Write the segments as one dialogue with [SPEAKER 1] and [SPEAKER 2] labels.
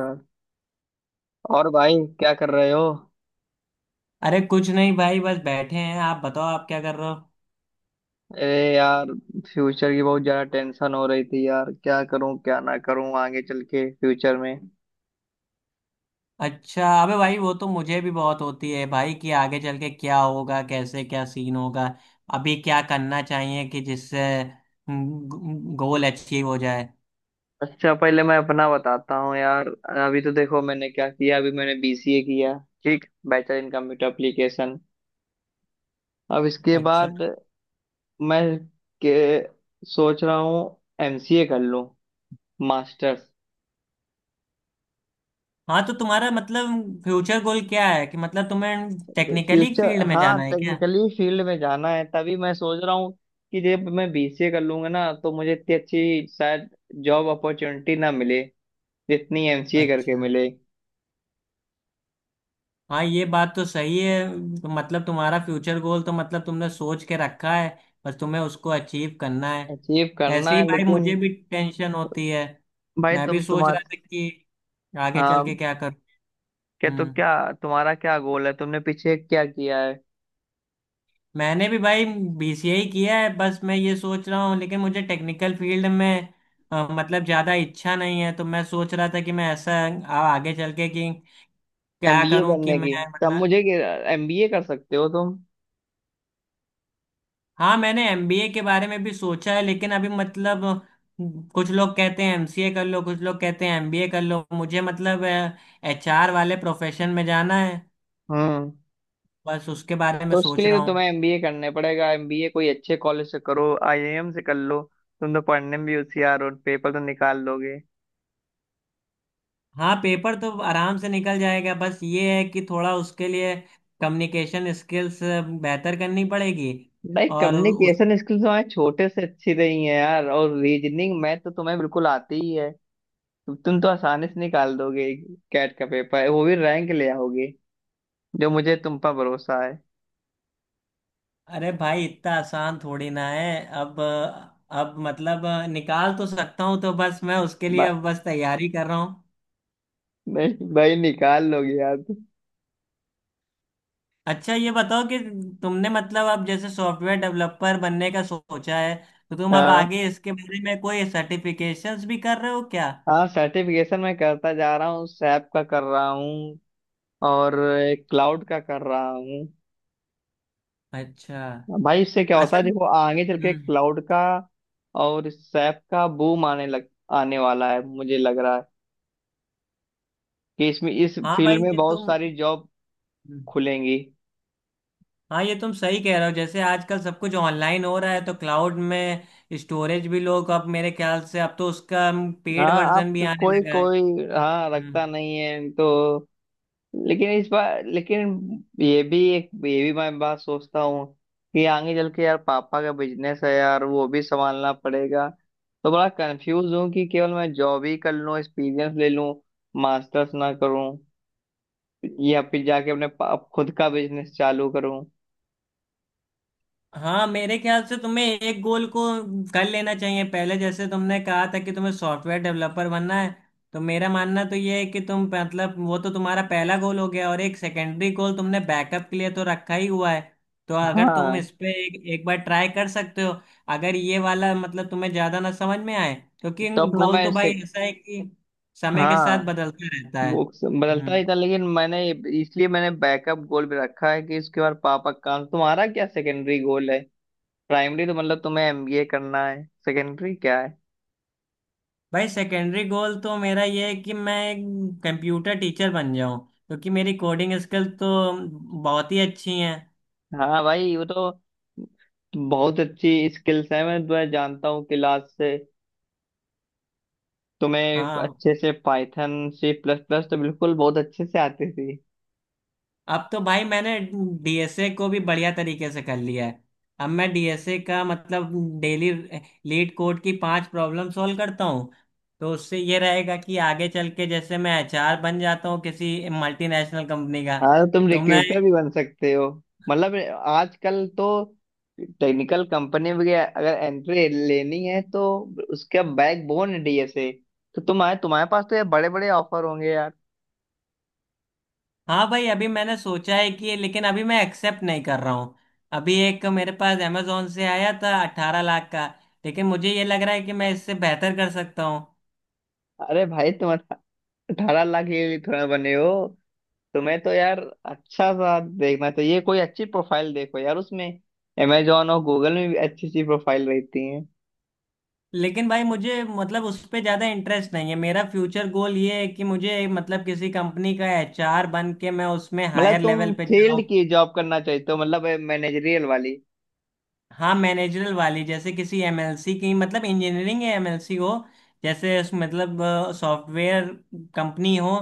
[SPEAKER 1] हाँ। और भाई, क्या कर रहे हो?
[SPEAKER 2] अरे कुछ नहीं भाई। बस बैठे हैं, आप बताओ आप क्या कर रहे हो?
[SPEAKER 1] अरे यार, फ्यूचर की बहुत ज्यादा टेंशन हो रही थी यार, क्या करूं क्या ना करूं आगे चल के फ्यूचर में।
[SPEAKER 2] अच्छा, अबे भाई वो तो मुझे भी बहुत होती है भाई कि आगे चल के क्या होगा, कैसे क्या सीन होगा। अभी क्या करना चाहिए कि जिससे गोल अचीव हो जाए।
[SPEAKER 1] अच्छा, पहले मैं अपना बताता हूँ यार। अभी तो देखो मैंने क्या किया, अभी मैंने बीसीए किया। ठीक, बैचलर इन कंप्यूटर एप्लीकेशन। अब इसके
[SPEAKER 2] अच्छा,
[SPEAKER 1] बाद मैं के सोच रहा हूँ एमसीए कर लूँ, मास्टर्स।
[SPEAKER 2] हाँ तो तुम्हारा मतलब फ्यूचर गोल क्या है कि मतलब तुम्हें टेक्निकली
[SPEAKER 1] फ्यूचर
[SPEAKER 2] फील्ड में
[SPEAKER 1] हाँ,
[SPEAKER 2] जाना है क्या?
[SPEAKER 1] टेक्निकली फील्ड में जाना है, तभी मैं सोच रहा हूँ कि जब मैं बीसीए कर लूंगा ना तो मुझे इतनी अच्छी शायद जॉब अपॉर्चुनिटी ना मिले, जितनी एमसीए करके
[SPEAKER 2] अच्छा।
[SPEAKER 1] मिले।
[SPEAKER 2] हाँ ये बात तो सही है। तो मतलब तुम्हारा फ्यूचर गोल तो मतलब तुमने सोच के रखा है, बस तुम्हें उसको अचीव करना है।
[SPEAKER 1] अचीव
[SPEAKER 2] ऐसे
[SPEAKER 1] करना
[SPEAKER 2] ही
[SPEAKER 1] है
[SPEAKER 2] भाई
[SPEAKER 1] लेकिन।
[SPEAKER 2] मुझे भी टेंशन होती है।
[SPEAKER 1] भाई
[SPEAKER 2] मैं भी
[SPEAKER 1] तुम
[SPEAKER 2] सोच
[SPEAKER 1] तुम्हार
[SPEAKER 2] रहा था कि आगे चल के
[SPEAKER 1] हाँ।
[SPEAKER 2] क्या करूँ।
[SPEAKER 1] क्या तो
[SPEAKER 2] हम्म।
[SPEAKER 1] क्या तुम्हारा क्या गोल है, तुमने पीछे क्या किया है?
[SPEAKER 2] मैंने भी भाई बीसीए ही किया है। बस मैं ये सोच रहा हूँ, लेकिन मुझे टेक्निकल फील्ड में मतलब ज़्यादा इच्छा नहीं है, तो मैं सोच रहा था कि मैं ऐसा आगे चल के कि क्या
[SPEAKER 1] एमबीए
[SPEAKER 2] करूँ कि
[SPEAKER 1] करने की,
[SPEAKER 2] मैं
[SPEAKER 1] तब
[SPEAKER 2] मतलब।
[SPEAKER 1] मुझे एमबीए कर सकते हो तुम।
[SPEAKER 2] हाँ मैंने एमबीए के बारे में भी सोचा है, लेकिन अभी मतलब कुछ लोग कहते हैं एमसीए कर लो, कुछ लोग कहते हैं एमबीए कर लो। मुझे मतलब एचआर वाले प्रोफेशन में जाना है,
[SPEAKER 1] हम्म।
[SPEAKER 2] बस उसके बारे में
[SPEAKER 1] तो उसके
[SPEAKER 2] सोच
[SPEAKER 1] लिए
[SPEAKER 2] रहा
[SPEAKER 1] तो तुम्हें
[SPEAKER 2] हूँ।
[SPEAKER 1] एमबीए करने पड़ेगा। एमबीए कोई अच्छे कॉलेज से करो, आईआईएम से कर लो। तुम तो पढ़ने में भी होशियार हो, पेपर तो निकाल लोगे।
[SPEAKER 2] हाँ, पेपर तो आराम से निकल जाएगा। बस ये है कि थोड़ा उसके लिए कम्युनिकेशन स्किल्स बेहतर करनी पड़ेगी।
[SPEAKER 1] भाई,
[SPEAKER 2] और उस,
[SPEAKER 1] कम्युनिकेशन स्किल्स हमारे छोटे से अच्छी रही है यार, और रीजनिंग मैथ तो तुम्हें बिल्कुल आती ही है। तो तुम तो आसानी से निकाल दोगे कैट का पेपर, वो भी रैंक ले आओगे। जो मुझे तुम पर भरोसा है।
[SPEAKER 2] अरे भाई इतना आसान थोड़ी ना है अब। अब मतलब निकाल तो सकता हूँ, तो बस मैं उसके लिए
[SPEAKER 1] बा-
[SPEAKER 2] अब बस तैयारी कर रहा हूँ।
[SPEAKER 1] नहीं भाई, निकाल लोगे यार तुम।
[SPEAKER 2] अच्छा ये बताओ कि तुमने मतलब अब जैसे सॉफ्टवेयर डेवलपर बनने का सोचा है, तो तुम अब
[SPEAKER 1] हाँ,
[SPEAKER 2] आगे इसके बारे में कोई सर्टिफिकेशंस भी कर रहे हो क्या?
[SPEAKER 1] हाँ, सर्टिफिकेशन मैं करता जा रहा हूँ, सैप का कर रहा हूँ और क्लाउड का कर रहा हूँ।
[SPEAKER 2] अच्छा।
[SPEAKER 1] भाई, इससे क्या होता है
[SPEAKER 2] असल,
[SPEAKER 1] देखो, आगे चल के
[SPEAKER 2] हम्म,
[SPEAKER 1] क्लाउड का और सैप का बूम आने वाला है। मुझे लग रहा है कि इसमें, इस
[SPEAKER 2] हाँ
[SPEAKER 1] फील्ड
[SPEAKER 2] भाई
[SPEAKER 1] में
[SPEAKER 2] ये
[SPEAKER 1] बहुत
[SPEAKER 2] तुम,
[SPEAKER 1] सारी जॉब
[SPEAKER 2] हम्म,
[SPEAKER 1] खुलेंगी।
[SPEAKER 2] हाँ ये तुम सही कह रहे हो। जैसे आजकल सब कुछ ऑनलाइन हो रहा है, तो क्लाउड में स्टोरेज भी लोग, अब मेरे ख्याल से अब तो उसका पेड
[SPEAKER 1] हाँ, आप
[SPEAKER 2] वर्जन भी आने
[SPEAKER 1] कोई
[SPEAKER 2] लगा है।
[SPEAKER 1] कोई। हाँ,
[SPEAKER 2] हम्म।
[SPEAKER 1] रखता नहीं है तो। लेकिन इस बार, लेकिन ये भी एक, ये भी मैं बात सोचता हूँ कि आगे चल के यार पापा का बिजनेस है यार, वो भी संभालना पड़ेगा। तो बड़ा कंफ्यूज हूँ कि केवल मैं जॉब ही कर लूँ, एक्सपीरियंस ले लूँ, मास्टर्स ना करूँ, या फिर जाके अपने खुद का बिजनेस चालू करूं।
[SPEAKER 2] हाँ मेरे ख्याल से तुम्हें एक गोल को कर लेना चाहिए पहले। जैसे तुमने कहा था कि तुम्हें सॉफ्टवेयर डेवलपर बनना है, तो मेरा मानना तो ये है कि तुम मतलब, वो तो तुम्हारा पहला गोल हो गया, और एक सेकेंडरी गोल तुमने बैकअप के लिए तो रखा ही हुआ है। तो अगर तुम
[SPEAKER 1] हाँ,
[SPEAKER 2] इस पे एक, एक बार ट्राई कर सकते हो, अगर ये वाला मतलब तुम्हें ज्यादा ना समझ में आए। क्योंकि
[SPEAKER 1] तो अपना
[SPEAKER 2] गोल
[SPEAKER 1] मैं
[SPEAKER 2] तो भाई
[SPEAKER 1] से,
[SPEAKER 2] ऐसा है कि समय के
[SPEAKER 1] हाँ
[SPEAKER 2] साथ बदलता रहता है।
[SPEAKER 1] बुक्स बदलता
[SPEAKER 2] हम्म।
[SPEAKER 1] ही था, लेकिन मैंने, इसलिए मैंने बैकअप गोल भी रखा है कि इसके बाद पापा का। तुम्हारा क्या सेकेंडरी गोल है? प्राइमरी तो मतलब तुम्हें एमबीए करना है, सेकेंडरी क्या है?
[SPEAKER 2] भाई सेकेंडरी गोल तो मेरा ये है कि मैं एक कंप्यूटर टीचर बन जाऊं, क्योंकि मेरी कोडिंग स्किल तो बहुत ही अच्छी हैं।
[SPEAKER 1] हाँ भाई, वो तो बहुत अच्छी स्किल्स है, मैं तुम्हें जानता हूँ क्लास से। तुम्हें
[SPEAKER 2] हाँ,
[SPEAKER 1] अच्छे से पाइथन सी प्लस प्लस तो बिल्कुल बहुत अच्छे से आती थी।
[SPEAKER 2] अब तो भाई मैंने डीएसए को भी बढ़िया तरीके से कर लिया है। अब मैं डीएसए का मतलब डेली लीड कोड की 5 प्रॉब्लम सॉल्व करता हूँ। तो उससे ये रहेगा कि आगे चल के जैसे मैं एचआर बन जाता हूँ किसी मल्टीनेशनल कंपनी का,
[SPEAKER 1] हाँ, तो तुम
[SPEAKER 2] तो मैं,
[SPEAKER 1] रिक्रूटर भी बन सकते हो, मतलब आजकल तो टेक्निकल कंपनी में अगर एंट्री लेनी है, तो उसका बैकबोन है डीएसए। तो तुम्हारे तुम्हारे पास तो यार बड़े बड़े ऑफर होंगे यार।
[SPEAKER 2] हाँ भाई अभी मैंने सोचा है कि, लेकिन अभी मैं एक्सेप्ट नहीं कर रहा हूँ। अभी एक मेरे पास अमेजोन से आया था 18 लाख का, लेकिन मुझे ये लग रहा है कि मैं इससे बेहतर कर सकता हूँ।
[SPEAKER 1] अरे भाई, तुम 18 लाख के लिए थोड़ा बने हो। तुम्हें तो यार अच्छा सा देखना चाहिए, कोई अच्छी प्रोफाइल देखो यार उसमें। अमेजोन और गूगल में भी अच्छी अच्छी प्रोफाइल रहती है।
[SPEAKER 2] लेकिन भाई मुझे मतलब उस पे ज़्यादा इंटरेस्ट नहीं है। मेरा फ्यूचर गोल ये है कि मुझे मतलब किसी कंपनी का एचआर बन के मैं उसमें
[SPEAKER 1] मतलब
[SPEAKER 2] हायर लेवल
[SPEAKER 1] तुम
[SPEAKER 2] पे
[SPEAKER 1] फील्ड
[SPEAKER 2] जाऊँ।
[SPEAKER 1] की जॉब करना चाहते हो, मतलब मैनेजरियल वाली?
[SPEAKER 2] हाँ, मैनेजरल वाली। जैसे किसी एमएलसी की मतलब इंजीनियरिंग या एमएलसी हो, जैसे उस मतलब सॉफ्टवेयर कंपनी हो,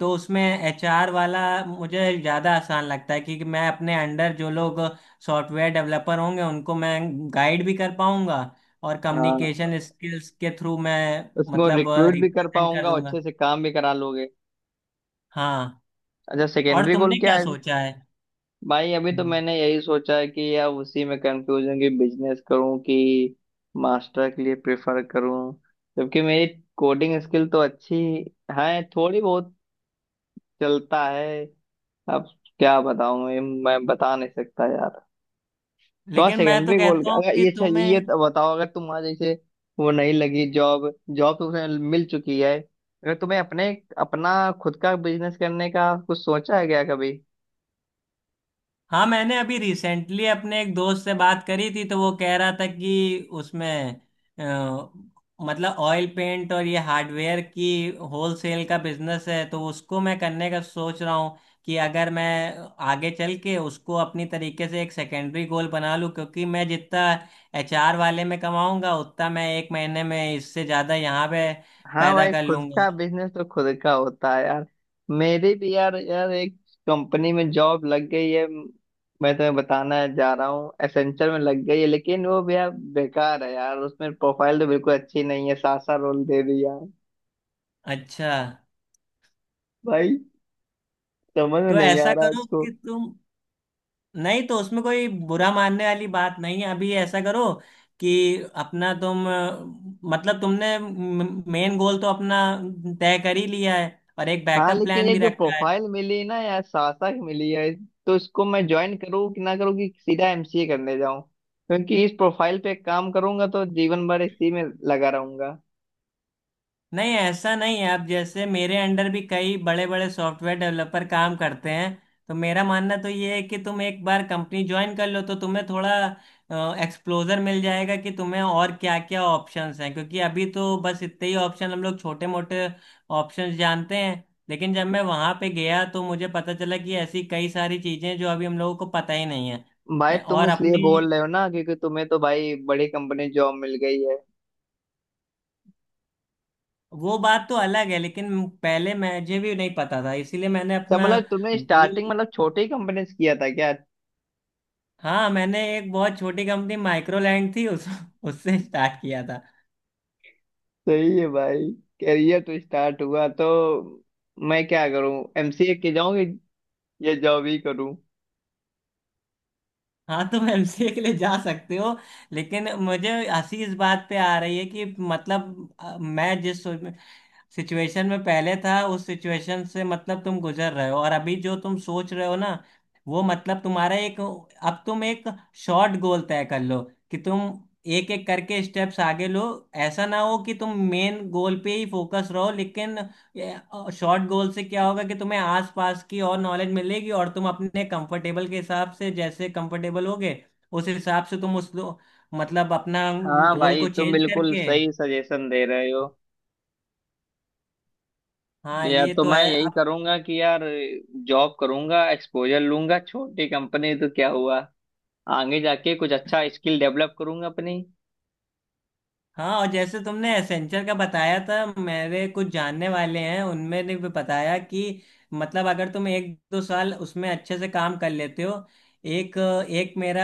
[SPEAKER 2] तो उसमें एचआर वाला मुझे ज़्यादा आसान लगता है, क्योंकि मैं अपने अंडर जो लोग सॉफ्टवेयर डेवलपर होंगे उनको मैं गाइड भी कर पाऊंगा, और
[SPEAKER 1] हाँ।
[SPEAKER 2] कम्युनिकेशन स्किल्स के थ्रू मैं
[SPEAKER 1] उसको
[SPEAKER 2] मतलब
[SPEAKER 1] रिक्रूट भी कर
[SPEAKER 2] रिप्रेजेंट कर
[SPEAKER 1] पाऊंगा और
[SPEAKER 2] दूंगा।
[SPEAKER 1] अच्छे से काम भी करा लोगे।
[SPEAKER 2] हाँ।
[SPEAKER 1] अच्छा,
[SPEAKER 2] और
[SPEAKER 1] सेकेंडरी
[SPEAKER 2] तुमने
[SPEAKER 1] गोल क्या
[SPEAKER 2] क्या
[SPEAKER 1] है?
[SPEAKER 2] सोचा है?
[SPEAKER 1] भाई, अभी तो
[SPEAKER 2] हम्म।
[SPEAKER 1] मैंने यही सोचा है कि यार उसी में कंफ्यूज हूँ कि बिजनेस करूँ कि मास्टर के लिए प्रेफर करूँ, जबकि मेरी कोडिंग स्किल तो अच्छी है थोड़ी बहुत, चलता है अब। क्या बताऊँ मैं बता नहीं सकता यार। तो हाँ,
[SPEAKER 2] लेकिन मैं तो
[SPEAKER 1] सेकेंडरी गोल
[SPEAKER 2] कहता हूँ
[SPEAKER 1] अगर
[SPEAKER 2] कि
[SPEAKER 1] ये, अच्छा, ये
[SPEAKER 2] तुम्हें,
[SPEAKER 1] तो बताओ अगर तुम्हारा जैसे वो नहीं लगी जॉब, जॉब तो तुम्हें मिल चुकी है, अगर तुम्हें अपने, अपना खुद का बिजनेस करने का कुछ सोचा है क्या कभी?
[SPEAKER 2] हाँ मैंने अभी रिसेंटली अपने एक दोस्त से बात करी थी, तो वो कह रहा था कि उसमें अ, मतलब ऑयल पेंट और ये हार्डवेयर की होलसेल का बिजनेस है, तो उसको मैं करने का सोच रहा हूँ। कि अगर मैं आगे चल के उसको अपनी तरीके से एक सेकेंडरी गोल बना लूँ, क्योंकि मैं जितना एचआर वाले में कमाऊंगा उतना मैं एक महीने में इससे ज़्यादा यहाँ पे
[SPEAKER 1] हाँ
[SPEAKER 2] पैदा
[SPEAKER 1] भाई,
[SPEAKER 2] कर
[SPEAKER 1] खुद का
[SPEAKER 2] लूंगा।
[SPEAKER 1] बिजनेस तो खुद का होता है यार। मेरी भी यार, यार, एक कंपनी में जॉब लग गई है, मैं तुम्हें बताना जा रहा हूँ, एसेंचर में लग गई है, लेकिन वो भी यार बेकार है यार, उसमें प्रोफाइल तो बिल्कुल अच्छी नहीं है, सासा रोल दे दिया।
[SPEAKER 2] अच्छा।
[SPEAKER 1] भाई, समझ में
[SPEAKER 2] तो
[SPEAKER 1] नहीं आ
[SPEAKER 2] ऐसा
[SPEAKER 1] रहा
[SPEAKER 2] करो
[SPEAKER 1] इसको।
[SPEAKER 2] कि तुम, नहीं तो उसमें कोई बुरा मानने वाली बात नहीं है। अभी ऐसा करो कि अपना तुम मतलब तुमने मेन गोल तो अपना तय कर ही लिया है, और एक
[SPEAKER 1] हाँ,
[SPEAKER 2] बैकअप
[SPEAKER 1] लेकिन
[SPEAKER 2] प्लान
[SPEAKER 1] ये
[SPEAKER 2] भी
[SPEAKER 1] जो
[SPEAKER 2] रखा है।
[SPEAKER 1] प्रोफाइल मिली ना यार, सासा की मिली है, तो इसको मैं ज्वाइन करूँ कि ना करूँ, कि सीधा एमसीए करने जाऊँ? क्योंकि इस प्रोफाइल पे काम करूंगा तो जीवन भर इसी में लगा रहूंगा।
[SPEAKER 2] नहीं ऐसा नहीं है। अब जैसे मेरे अंडर भी कई बड़े बड़े सॉफ्टवेयर डेवलपर काम करते हैं। तो मेरा मानना तो ये है कि तुम एक बार कंपनी ज्वाइन कर लो, तो तुम्हें थोड़ा एक्सप्लोजर मिल जाएगा कि तुम्हें और क्या क्या ऑप्शंस हैं, क्योंकि अभी तो बस इतने ही ऑप्शन हम लोग छोटे मोटे ऑप्शंस जानते हैं। लेकिन जब मैं वहाँ पे गया तो मुझे पता चला कि ऐसी कई सारी चीज़ें जो अभी हम लोगों को पता ही नहीं
[SPEAKER 1] भाई
[SPEAKER 2] है,
[SPEAKER 1] तुम
[SPEAKER 2] और
[SPEAKER 1] इसलिए
[SPEAKER 2] अपनी,
[SPEAKER 1] बोल रहे हो ना, क्योंकि तुम्हें तो भाई बड़ी कंपनी जॉब मिल गई है।
[SPEAKER 2] वो बात तो अलग है। लेकिन पहले मुझे भी नहीं पता था, इसीलिए मैंने
[SPEAKER 1] अच्छा,
[SPEAKER 2] अपना,
[SPEAKER 1] मतलब तुमने स्टार्टिंग, मतलब छोटी कंपनी से किया था क्या?
[SPEAKER 2] हाँ मैंने एक बहुत छोटी कंपनी माइक्रोलैंड थी उस, उससे स्टार्ट किया था।
[SPEAKER 1] सही है भाई, करियर तो स्टार्ट हुआ, तो मैं क्या करूँ, एमसीए के जाऊँ या जॉब ही करूँ?
[SPEAKER 2] हाँ तुम एमसीए के लिए जा सकते हो। लेकिन मुझे हंसी इस बात पे आ रही है कि मतलब मैं जिस सिचुएशन में पहले था उस सिचुएशन से मतलब तुम गुजर रहे हो। और अभी जो तुम सोच रहे हो ना वो मतलब तुम्हारा एक, अब तुम एक शॉर्ट गोल तय कर लो कि तुम एक एक करके स्टेप्स आगे लो। ऐसा ना हो कि तुम मेन गोल पे ही फोकस रहो, लेकिन ये शॉर्ट गोल से क्या होगा कि तुम्हें आसपास की और नॉलेज मिलेगी, और तुम अपने कंफर्टेबल के हिसाब से जैसे कंफर्टेबल होगे उस हिसाब से तुम उस मतलब अपना
[SPEAKER 1] हाँ
[SPEAKER 2] गोल
[SPEAKER 1] भाई,
[SPEAKER 2] को
[SPEAKER 1] तुम
[SPEAKER 2] चेंज
[SPEAKER 1] बिल्कुल
[SPEAKER 2] करके,
[SPEAKER 1] सही सजेशन दे रहे हो।
[SPEAKER 2] हाँ
[SPEAKER 1] या
[SPEAKER 2] ये
[SPEAKER 1] तो
[SPEAKER 2] तो
[SPEAKER 1] मैं
[SPEAKER 2] है।
[SPEAKER 1] यही करूंगा कि यार जॉब करूंगा, एक्सपोजर लूंगा, छोटी कंपनी तो क्या हुआ, आगे जाके कुछ अच्छा स्किल डेवलप करूंगा अपनी।
[SPEAKER 2] हाँ, और जैसे तुमने एसेंचर का बताया था, मेरे कुछ जानने वाले हैं उनमें ने भी बताया कि मतलब अगर तुम 1 2 साल उसमें अच्छे से काम कर लेते हो, एक, एक मेरा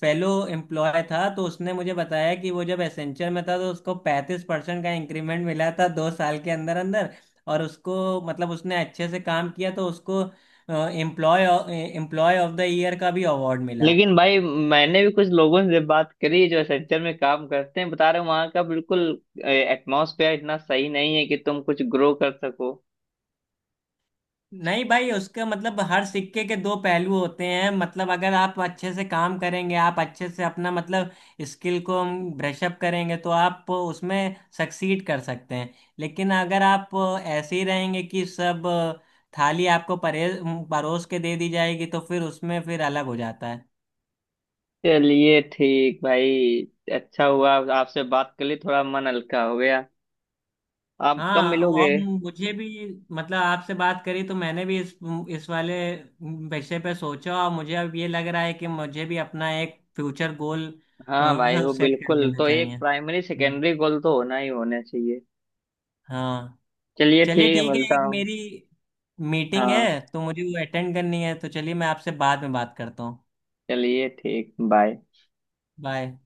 [SPEAKER 2] फेलो एम्प्लॉय था, तो उसने मुझे बताया कि वो जब एसेंचर में था तो उसको 35% का इंक्रीमेंट मिला था 2 साल के अंदर अंदर। और उसको मतलब उसने अच्छे से काम किया तो उसको employ employ of the year का भी अवार्ड मिला।
[SPEAKER 1] लेकिन भाई, मैंने भी कुछ लोगों से बात करी जो सेक्टर में काम करते हैं, बता रहे वहां का बिल्कुल एटमॉस्फेयर इतना सही नहीं है कि तुम कुछ ग्रो कर सको।
[SPEAKER 2] नहीं भाई, उसका मतलब हर सिक्के के दो पहलू होते हैं। मतलब अगर आप अच्छे से काम करेंगे, आप अच्छे से अपना मतलब स्किल को ब्रश अप करेंगे, तो आप उसमें सक्सीड कर सकते हैं। लेकिन अगर आप ऐसे ही रहेंगे कि सब थाली आपको परे परोस के दे दी जाएगी, तो फिर उसमें फिर अलग हो जाता है।
[SPEAKER 1] चलिए ठीक भाई, अच्छा हुआ आपसे बात कर ली, थोड़ा मन हल्का हो गया। आप कब
[SPEAKER 2] हाँ
[SPEAKER 1] मिलोगे?
[SPEAKER 2] और मुझे भी मतलब आपसे बात करी तो मैंने भी इस वाले विषय पे सोचा, और मुझे अब ये लग रहा है कि मुझे भी अपना एक फ्यूचर गोल
[SPEAKER 1] हाँ भाई, वो
[SPEAKER 2] सेट कर
[SPEAKER 1] बिल्कुल,
[SPEAKER 2] लेना
[SPEAKER 1] तो एक
[SPEAKER 2] चाहिए।
[SPEAKER 1] प्राइमरी
[SPEAKER 2] हम्म।
[SPEAKER 1] सेकेंडरी गोल तो होना ही होना चाहिए।
[SPEAKER 2] हाँ,
[SPEAKER 1] चलिए
[SPEAKER 2] चलिए
[SPEAKER 1] ठीक है,
[SPEAKER 2] ठीक है।
[SPEAKER 1] मिलता
[SPEAKER 2] एक
[SPEAKER 1] हूँ।
[SPEAKER 2] मेरी मीटिंग
[SPEAKER 1] हाँ,
[SPEAKER 2] है तो मुझे वो अटेंड करनी है, तो चलिए मैं आपसे बाद में बात करता हूँ।
[SPEAKER 1] चलिए ठीक, बाय।
[SPEAKER 2] बाय।